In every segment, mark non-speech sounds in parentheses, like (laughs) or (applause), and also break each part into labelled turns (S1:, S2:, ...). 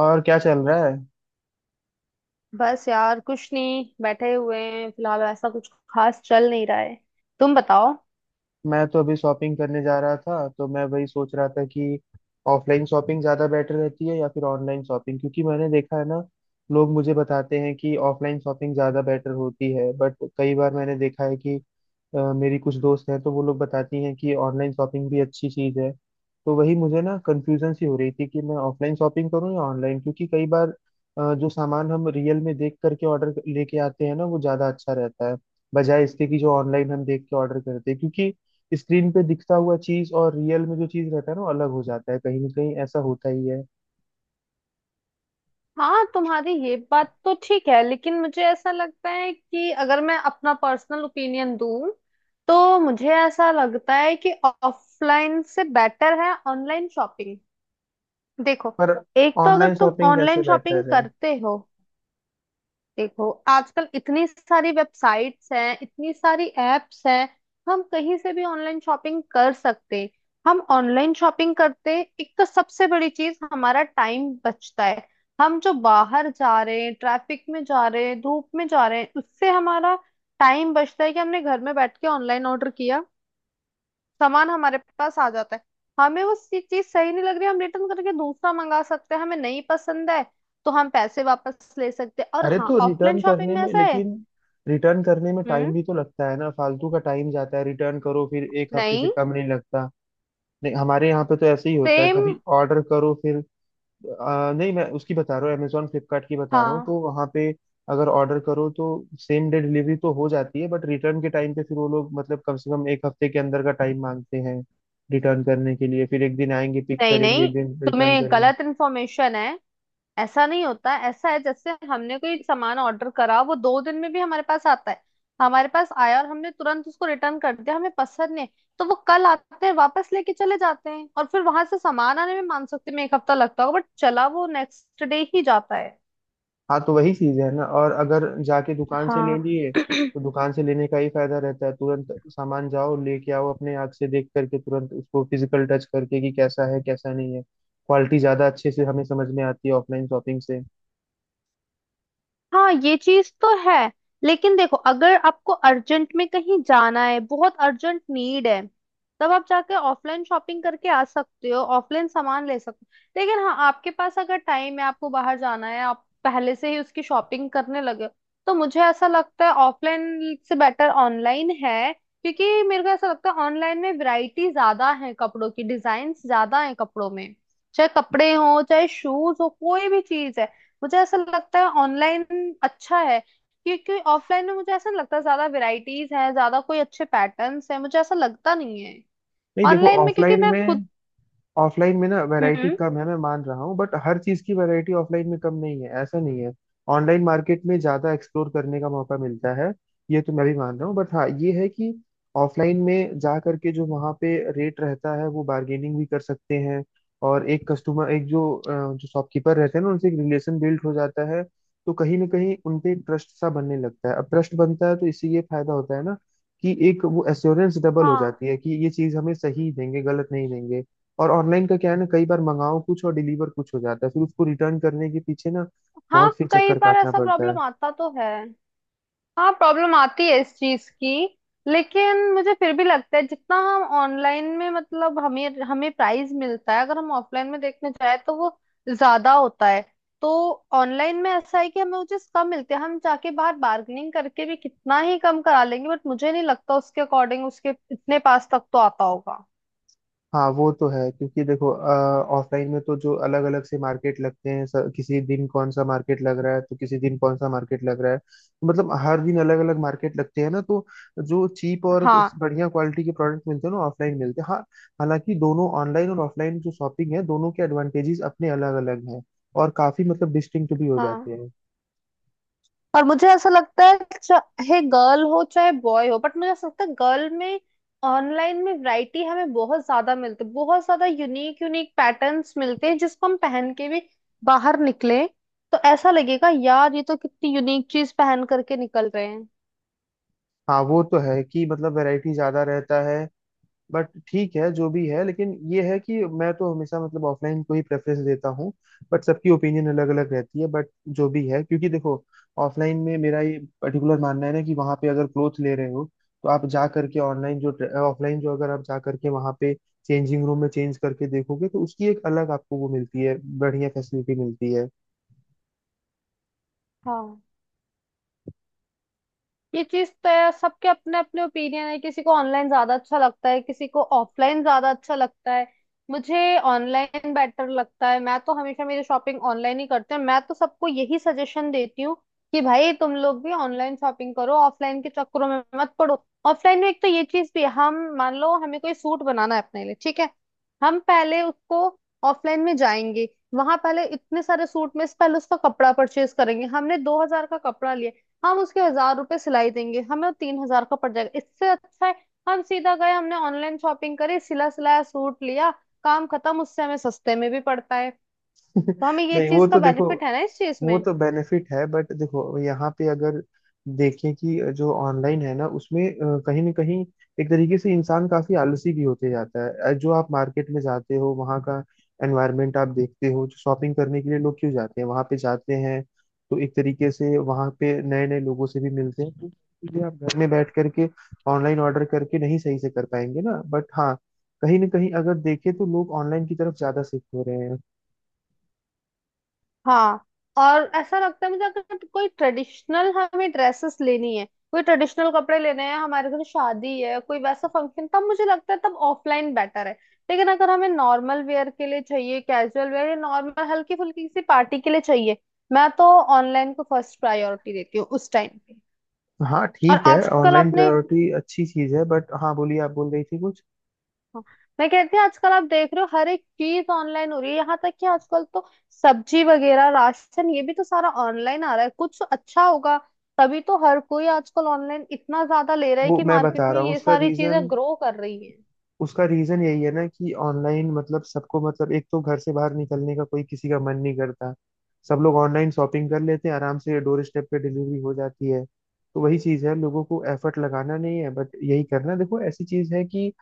S1: और क्या चल रहा है।
S2: बस यार, कुछ नहीं। बैठे हुए हैं फिलहाल, ऐसा कुछ खास चल नहीं रहा है। तुम बताओ।
S1: मैं तो अभी शॉपिंग करने जा रहा था, तो मैं वही सोच रहा था कि ऑफलाइन शॉपिंग ज़्यादा बेटर रहती है या फिर ऑनलाइन शॉपिंग, क्योंकि मैंने देखा है ना, लोग मुझे बताते हैं कि ऑफलाइन शॉपिंग ज़्यादा बेटर होती है, बट कई बार मैंने देखा है कि मेरी कुछ दोस्त हैं तो वो लोग बताती हैं कि ऑनलाइन शॉपिंग भी अच्छी चीज़ है। तो वही मुझे ना कंफ्यूजन सी हो रही थी कि मैं ऑफलाइन शॉपिंग करूँ या ऑनलाइन, क्योंकि कई बार जो सामान हम रियल में देख करके ऑर्डर लेके आते हैं ना वो ज़्यादा अच्छा रहता है, बजाय इसके कि जो ऑनलाइन हम देख के ऑर्डर करते हैं, क्योंकि स्क्रीन पे दिखता हुआ चीज और रियल में जो चीज रहता है ना वो अलग हो जाता है, कहीं ना कहीं ऐसा होता ही है।
S2: हाँ, तुम्हारी ये बात तो ठीक है, लेकिन मुझे ऐसा लगता है कि अगर मैं अपना पर्सनल ओपिनियन दूं तो मुझे ऐसा लगता है कि ऑफलाइन से बेटर है ऑनलाइन शॉपिंग। देखो,
S1: पर
S2: एक तो अगर
S1: ऑनलाइन
S2: तुम
S1: शॉपिंग कैसे
S2: ऑनलाइन शॉपिंग
S1: बेहतर है?
S2: करते हो। देखो, आजकल इतनी सारी वेबसाइट्स हैं, इतनी सारी एप्स हैं, हम कहीं से भी ऑनलाइन शॉपिंग कर सकते हैं। हम ऑनलाइन शॉपिंग करते, एक तो सबसे बड़ी चीज हमारा टाइम बचता है। हम जो बाहर जा रहे हैं, ट्रैफिक में जा रहे हैं, धूप में जा रहे हैं, उससे हमारा टाइम बचता है कि हमने घर में बैठ के ऑनलाइन ऑर्डर किया, सामान हमारे पास आ जाता है। हमें वो चीज सही नहीं लग रही, हम रिटर्न करके दूसरा मंगा सकते हैं। हमें नहीं पसंद है तो हम पैसे वापस ले सकते हैं। और
S1: अरे
S2: हाँ,
S1: तो
S2: ऑफलाइन
S1: रिटर्न
S2: शॉपिंग
S1: करने
S2: में
S1: में,
S2: ऐसा है।
S1: लेकिन रिटर्न करने में टाइम
S2: हम्म।
S1: भी तो लगता है ना, फालतू का टाइम जाता है, रिटर्न करो फिर एक हफ्ते से
S2: नहीं।
S1: कम नहीं लगता। नहीं, हमारे यहाँ पे तो ऐसे ही होता है,
S2: सेम।
S1: कभी ऑर्डर करो फिर नहीं, मैं उसकी बता रहा हूँ, अमेजोन फ्लिपकार्ट की बता रहा हूँ,
S2: हाँ।
S1: तो वहाँ पे अगर ऑर्डर करो तो सेम डे डिलीवरी तो हो जाती है, बट रिटर्न के टाइम पे फिर वो लोग मतलब कम से कम एक हफ्ते के अंदर का टाइम मांगते हैं रिटर्न करने के लिए, फिर एक दिन आएंगे पिक
S2: नहीं
S1: करेंगे,
S2: नहीं,
S1: एक दिन रिटर्न
S2: तुम्हें
S1: करेंगे।
S2: गलत इन्फॉर्मेशन है। ऐसा नहीं होता। ऐसा है जैसे हमने कोई सामान ऑर्डर करा, वो 2 दिन में भी हमारे पास आता है। हमारे पास आया और हमने तुरंत उसको रिटर्न कर दिया, हमें पसंद नहीं। तो वो कल आते हैं वापस लेके चले जाते हैं, और फिर वहां से सामान आने में मान सकते हैं एक हफ्ता लगता होगा, बट चला वो नेक्स्ट डे ही जाता है।
S1: हाँ तो वही चीज़ है ना, और अगर जाके दुकान से ले
S2: हाँ।
S1: लिए
S2: (clears throat)
S1: तो दुकान से लेने का ही फायदा रहता है, तुरंत सामान जाओ लेके आओ, अपने आँख से देख करके तुरंत उसको फिजिकल टच करके कि कैसा है कैसा नहीं है, क्वालिटी ज़्यादा अच्छे से हमें समझ में आती है ऑफलाइन शॉपिंग से।
S2: हाँ, ये चीज तो है। लेकिन देखो, अगर आपको अर्जेंट में कहीं जाना है, बहुत अर्जेंट नीड है, तब आप जाके ऑफलाइन शॉपिंग करके आ सकते हो, ऑफलाइन सामान ले सकते हो। लेकिन हाँ, आपके पास अगर टाइम है, आपको बाहर जाना है, आप पहले से ही उसकी शॉपिंग करने लगे हो, तो मुझे ऐसा लगता है ऑफलाइन से बेटर ऑनलाइन है। क्योंकि मेरे को ऐसा लगता है ऑनलाइन में वैरायटी ज्यादा है, कपड़ों की डिजाइन ज्यादा है कपड़ों में, चाहे कपड़े हो चाहे शूज हो कोई भी चीज है। मुझे ऐसा लगता है ऑनलाइन अच्छा है। क्योंकि ऑफलाइन में मुझे ऐसा नहीं लगता ज्यादा वैरायटीज हैं, ज्यादा कोई अच्छे पैटर्न्स हैं, मुझे ऐसा लगता नहीं है
S1: नहीं देखो
S2: ऑनलाइन में, क्योंकि
S1: ऑफलाइन
S2: मैं खुद।
S1: में, ऑफलाइन में ना वैरायटी
S2: हम्म।
S1: कम है मैं मान रहा हूँ, बट हर चीज की वैरायटी ऑफलाइन में कम नहीं है, ऐसा नहीं है। ऑनलाइन मार्केट में ज्यादा एक्सप्लोर करने का मौका मिलता है, ये तो मैं भी मान रहा हूँ, बट हाँ ये है कि ऑफलाइन में जा करके जो वहाँ पे रेट रहता है वो बार्गेनिंग भी कर सकते हैं, और एक कस्टमर एक जो जो शॉपकीपर रहते हैं ना उनसे एक रिलेशन बिल्ड हो जाता है, तो कहीं ना कहीं उनपे ट्रस्ट सा बनने लगता है। अब ट्रस्ट बनता है तो इससे ये फायदा होता है ना कि एक वो एश्योरेंस डबल हो
S2: हाँ।
S1: जाती है कि ये चीज हमें सही देंगे, गलत नहीं देंगे। और ऑनलाइन का क्या है ना, कई बार मंगाओ कुछ और डिलीवर कुछ हो जाता है, फिर उसको रिटर्न करने के पीछे ना
S2: हाँ,
S1: बहुत फिर
S2: कई
S1: चक्कर
S2: बार
S1: काटना
S2: ऐसा
S1: पड़ता है।
S2: प्रॉब्लम आता तो है। हाँ, प्रॉब्लम आती है इस चीज की। लेकिन मुझे फिर भी लगता है, जितना हम ऑनलाइन में मतलब हमें हमें प्राइस मिलता है, अगर हम ऑफलाइन में देखने जाए तो वो ज्यादा होता है। तो ऑनलाइन में ऐसा है कि हमें वो चीज कम मिलती है। हम जाके बाहर बार्गेनिंग करके भी कितना ही कम करा लेंगे, बट मुझे नहीं लगता उसके अकॉर्डिंग उसके इतने पास तक तो आता होगा।
S1: हाँ वो तो है, क्योंकि देखो ऑफलाइन में तो जो अलग अलग से मार्केट लगते हैं, किसी दिन कौन सा मार्केट लग रहा है तो किसी दिन कौन सा मार्केट लग रहा है, तो मतलब हर दिन अलग अलग मार्केट लगते हैं ना, तो जो चीप और
S2: हाँ।
S1: बढ़िया क्वालिटी के प्रोडक्ट मिलते हैं ना ऑफलाइन मिलते हैं, हाँ। हालांकि दोनों ऑनलाइन और ऑफलाइन जो शॉपिंग है दोनों के एडवांटेजेस अपने अलग अलग हैं, और काफी मतलब डिस्टिंक्ट भी हो
S2: हाँ।
S1: जाते हैं।
S2: और मुझे ऐसा लगता है, चाहे गर्ल हो चाहे बॉय हो, बट मुझे ऐसा लगता है गर्ल में ऑनलाइन में वैरायटी हमें बहुत ज्यादा मिलती है, बहुत ज्यादा यूनिक यूनिक पैटर्न्स मिलते हैं जिसको हम पहन के भी बाहर निकले तो ऐसा लगेगा, यार ये तो कितनी यूनिक चीज पहन करके निकल रहे हैं।
S1: हाँ वो तो है कि मतलब वैरायटी ज्यादा रहता है, बट ठीक है जो भी है, लेकिन ये है कि मैं तो हमेशा मतलब ऑफलाइन को ही प्रेफरेंस देता हूँ, बट सबकी ओपिनियन अलग अलग रहती है, बट जो भी है, क्योंकि देखो ऑफलाइन में मेरा ये पर्टिकुलर मानना है ना कि वहाँ पे अगर क्लोथ ले रहे हो तो आप जा करके ऑनलाइन जो ऑफलाइन जो अगर आप जा करके वहाँ पे चेंजिंग रूम में चेंज करके देखोगे तो उसकी एक अलग आपको वो मिलती है, बढ़िया फैसिलिटी मिलती है।
S2: हाँ, ये चीज तो है। सबके अपने अपने ओपिनियन है, किसी को ऑनलाइन ज्यादा अच्छा लगता है, किसी को ऑफलाइन ज्यादा अच्छा लगता है। मुझे ऑनलाइन बेटर लगता है, मैं तो हमेशा मेरी शॉपिंग ऑनलाइन ही करती हूँ। मैं तो सबको यही सजेशन देती हूँ कि भाई तुम लोग भी ऑनलाइन शॉपिंग करो, ऑफलाइन के चक्करों में मत पड़ो। ऑफलाइन में एक तो ये चीज भी है, हम मान लो हमें कोई सूट बनाना है अपने लिए, ठीक है। हम पहले उसको ऑफलाइन में जाएंगे, वहां पहले इतने सारे सूट में से पहले उसका कपड़ा परचेज करेंगे, हमने 2,000 का कपड़ा लिया। हम उसके 1,000 रुपए सिलाई देंगे, हमें वो 3,000 का पड़ जाएगा। इससे अच्छा है हम सीधा गए, हमने ऑनलाइन शॉपिंग करी, सिला सिलाया सूट लिया, काम खत्म। उससे हमें सस्ते में भी पड़ता है।
S1: (laughs)
S2: तो हमें ये
S1: नहीं वो
S2: चीज का
S1: तो देखो,
S2: बेनिफिट है ना इस चीज
S1: वो
S2: में।
S1: तो बेनिफिट है, बट देखो यहाँ पे अगर देखें कि जो ऑनलाइन है ना उसमें कहीं ना कहीं एक तरीके से इंसान काफी आलसी भी होते जाता है। जो आप मार्केट में जाते हो वहाँ का एनवायरनमेंट आप देखते हो, जो शॉपिंग करने के लिए लोग क्यों जाते हैं वहाँ पे जाते हैं, तो एक तरीके से वहाँ पे नए नए लोगों से भी मिलते हैं, तो इसलिए आप घर में बैठ करके ऑनलाइन ऑर्डर करके नहीं सही से कर पाएंगे ना, बट हाँ कहीं ना कहीं अगर देखें तो लोग ऑनलाइन की तरफ ज्यादा शिफ्ट हो रहे हैं।
S2: हाँ, और ऐसा लगता है मुझे, अगर कोई ट्रेडिशनल हमें ड्रेसेस लेनी है, कोई ट्रेडिशनल कपड़े लेने हैं, हमारे घर शादी है कोई वैसा फंक्शन, तब मुझे लगता है तब ऑफलाइन बेटर है। लेकिन अगर हमें नॉर्मल वेयर के लिए चाहिए, कैजुअल वेयर या नॉर्मल हल्की फुल्की किसी पार्टी के लिए चाहिए, मैं तो ऑनलाइन को फर्स्ट प्रायोरिटी देती हूँ उस टाइम पे।
S1: हाँ
S2: और
S1: ठीक है,
S2: आजकल
S1: ऑनलाइन
S2: आपने।
S1: प्रायोरिटी अच्छी चीज है, बट हाँ बोलिए, आप बोल रही थी कुछ।
S2: हाँ, मैं कहती हूँ आजकल आप देख रहे हो हर एक चीज ऑनलाइन हो रही है, यहाँ तक कि आजकल तो सब्जी वगैरह राशन ये भी तो सारा ऑनलाइन आ रहा है। कुछ अच्छा होगा तभी तो हर कोई आजकल ऑनलाइन इतना ज्यादा ले रहा है
S1: वो
S2: कि
S1: मैं
S2: मार्केट
S1: बता
S2: में
S1: रहा हूँ
S2: ये
S1: उसका
S2: सारी चीजें
S1: रीजन,
S2: ग्रो कर रही है।
S1: उसका रीजन यही है ना कि ऑनलाइन मतलब सबको मतलब एक तो घर से बाहर निकलने का कोई किसी का मन नहीं करता, सब लोग ऑनलाइन शॉपिंग कर लेते हैं, आराम से डोर स्टेप पे डिलीवरी हो जाती है, तो वही चीज है, लोगों को एफर्ट लगाना नहीं है, बट यही करना, देखो ऐसी चीज है कि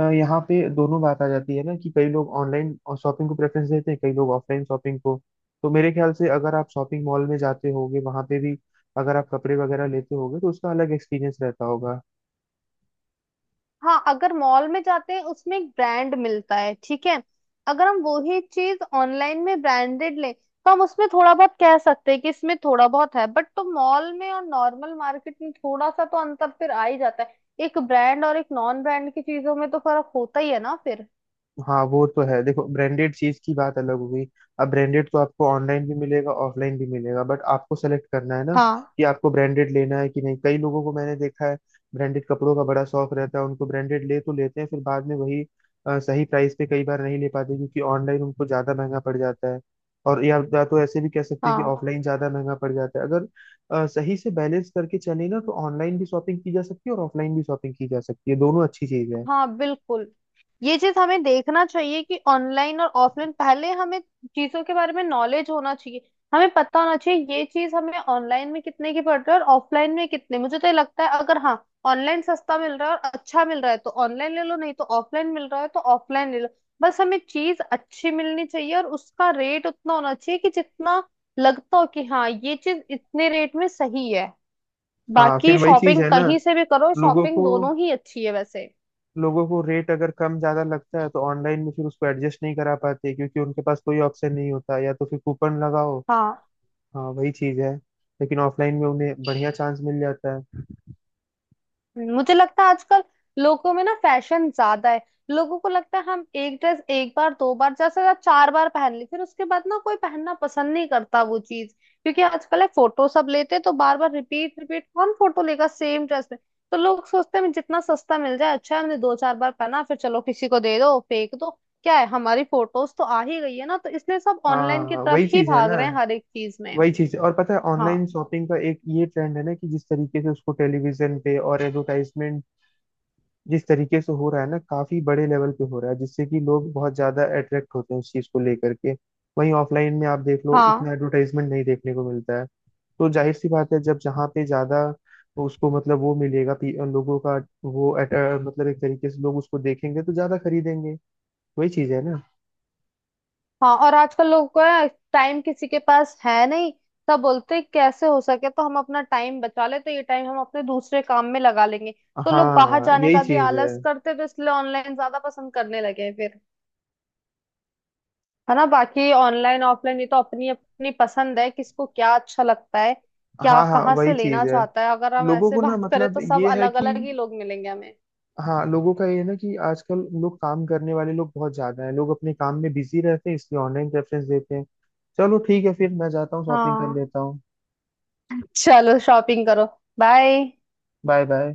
S1: यहाँ पे दोनों बात आ जाती है ना कि कई लोग ऑनलाइन शॉपिंग को प्रेफरेंस देते हैं, कई लोग ऑफलाइन शॉपिंग को। तो मेरे ख्याल से अगर आप शॉपिंग मॉल में जाते होगे वहां पे भी अगर आप कपड़े वगैरह लेते होगे तो उसका अलग एक्सपीरियंस रहता होगा।
S2: हाँ, अगर मॉल में जाते हैं उसमें एक ब्रांड मिलता है, ठीक है। अगर हम वही चीज ऑनलाइन में ब्रांडेड लें तो हम उसमें थोड़ा बहुत कह सकते हैं कि इसमें थोड़ा बहुत है, बट तो मॉल में और नॉर्मल मार्केट में थोड़ा सा तो अंतर फिर आ ही जाता है। एक ब्रांड और एक नॉन ब्रांड की चीजों में तो फर्क होता ही है ना फिर।
S1: हाँ वो तो है, देखो ब्रांडेड चीज की बात अलग हो गई, अब ब्रांडेड तो आपको ऑनलाइन भी मिलेगा ऑफलाइन भी मिलेगा, बट आपको सेलेक्ट करना है ना
S2: हाँ।
S1: कि आपको ब्रांडेड लेना है कि नहीं। कई लोगों को मैंने देखा है ब्रांडेड कपड़ों का बड़ा शौक रहता है, उनको ब्रांडेड ले तो लेते हैं, फिर बाद में वही सही प्राइस पे कई बार नहीं ले पाते क्योंकि ऑनलाइन उनको ज्यादा महंगा पड़ जाता है, और या तो ऐसे भी कह सकते हैं कि
S2: हाँ।
S1: ऑफलाइन ज्यादा महंगा पड़ जाता है। अगर सही से बैलेंस करके चले ना तो ऑनलाइन भी शॉपिंग की जा सकती है और ऑफलाइन भी शॉपिंग की जा सकती है, दोनों अच्छी चीज है।
S2: हाँ, बिल्कुल। ये चीज हमें देखना चाहिए कि ऑनलाइन और ऑफलाइन, पहले हमें चीजों के बारे में नॉलेज होना चाहिए। हमें पता होना चाहिए ये चीज हमें ऑनलाइन में कितने की पड़ रही है और ऑफलाइन में कितने, मुझे तो ये लगता है अगर हाँ ऑनलाइन सस्ता मिल रहा है और अच्छा मिल रहा है तो ऑनलाइन ले लो, नहीं तो ऑफलाइन मिल रहा है तो ऑफलाइन ले लो। बस हमें चीज अच्छी मिलनी चाहिए और उसका रेट उतना होना चाहिए कि जितना लगता हो कि हाँ ये चीज इतने रेट में सही है।
S1: हाँ
S2: बाकी
S1: फिर वही चीज
S2: शॉपिंग
S1: है ना,
S2: कहीं से भी करो,
S1: लोगों
S2: शॉपिंग
S1: को
S2: दोनों ही अच्छी है वैसे।
S1: लोगों को रेट अगर कम ज्यादा लगता है तो ऑनलाइन में फिर उसको एडजस्ट नहीं करा पाते क्योंकि उनके पास कोई ऑप्शन नहीं होता, या तो फिर कूपन लगाओ।
S2: हाँ।
S1: हाँ वही चीज है, लेकिन ऑफलाइन में उन्हें बढ़िया चांस मिल जाता है।
S2: मुझे लगता है आजकल लोगों में ना फैशन ज्यादा है, लोगों को लगता है हम एक ड्रेस एक बार दो बार ज्यादा से ज्यादा चार बार पहन ली फिर उसके बाद ना कोई पहनना पसंद नहीं करता वो चीज। क्योंकि आजकल है फोटो सब लेते हैं, तो बार बार रिपीट रिपीट कौन फोटो लेगा सेम ड्रेस में। तो लोग सोचते हैं जितना सस्ता मिल जाए अच्छा है, हमने दो चार बार पहना फिर चलो किसी को दे दो फेंक दो, क्या है हमारी फोटोज तो आ ही गई है ना। तो इसलिए सब ऑनलाइन की
S1: हाँ
S2: तरफ
S1: वही
S2: ही
S1: चीज है
S2: भाग
S1: ना,
S2: रहे हैं हर एक चीज में।
S1: वही चीज। और पता है ऑनलाइन
S2: हाँ।
S1: शॉपिंग का एक ये ट्रेंड है ना कि जिस तरीके से उसको टेलीविजन पे और एडवर्टाइजमेंट जिस तरीके से हो रहा है ना काफी बड़े लेवल पे हो रहा है, जिससे कि लोग बहुत ज्यादा अट्रैक्ट होते हैं उस चीज को लेकर के। वहीं ऑफलाइन में आप देख लो उतना
S2: हाँ।
S1: एडवर्टाइजमेंट नहीं देखने को मिलता है, तो जाहिर सी बात है जब जहाँ पे ज्यादा उसको मतलब वो मिलेगा लोगों का मतलब एक तरीके से लोग उसको देखेंगे तो ज्यादा खरीदेंगे, वही चीज है ना।
S2: हाँ, और आजकल लोगों को है, टाइम किसी के पास है नहीं, तब बोलते हैं, कैसे हो सके तो हम अपना टाइम बचा ले, तो ये टाइम हम अपने दूसरे काम में लगा लेंगे। तो लोग बाहर
S1: हाँ
S2: जाने
S1: यही
S2: का भी
S1: चीज है।
S2: आलस करते हैं, तो इसलिए ऑनलाइन ज्यादा पसंद करने लगे हैं फिर। है ना, बाकी ऑनलाइन ऑफलाइन ये तो अपनी अपनी पसंद है, किसको क्या अच्छा लगता है, क्या
S1: हाँ हाँ
S2: कहाँ
S1: वही
S2: से
S1: चीज
S2: लेना
S1: है,
S2: चाहता है। अगर हम
S1: लोगों
S2: ऐसे
S1: को ना
S2: बात करें
S1: मतलब
S2: तो सब
S1: ये है
S2: अलग
S1: कि
S2: अलग ही लोग मिलेंगे हमें।
S1: हाँ लोगों का ये है ना कि आजकल लोग काम करने वाले लोग बहुत ज्यादा हैं, लोग अपने काम में बिजी रहते हैं, इसलिए ऑनलाइन प्रेफरेंस देते हैं। चलो ठीक है, फिर मैं जाता हूँ शॉपिंग कर
S2: हाँ।
S1: लेता हूँ।
S2: चलो, शॉपिंग करो। बाय।
S1: Bye bye.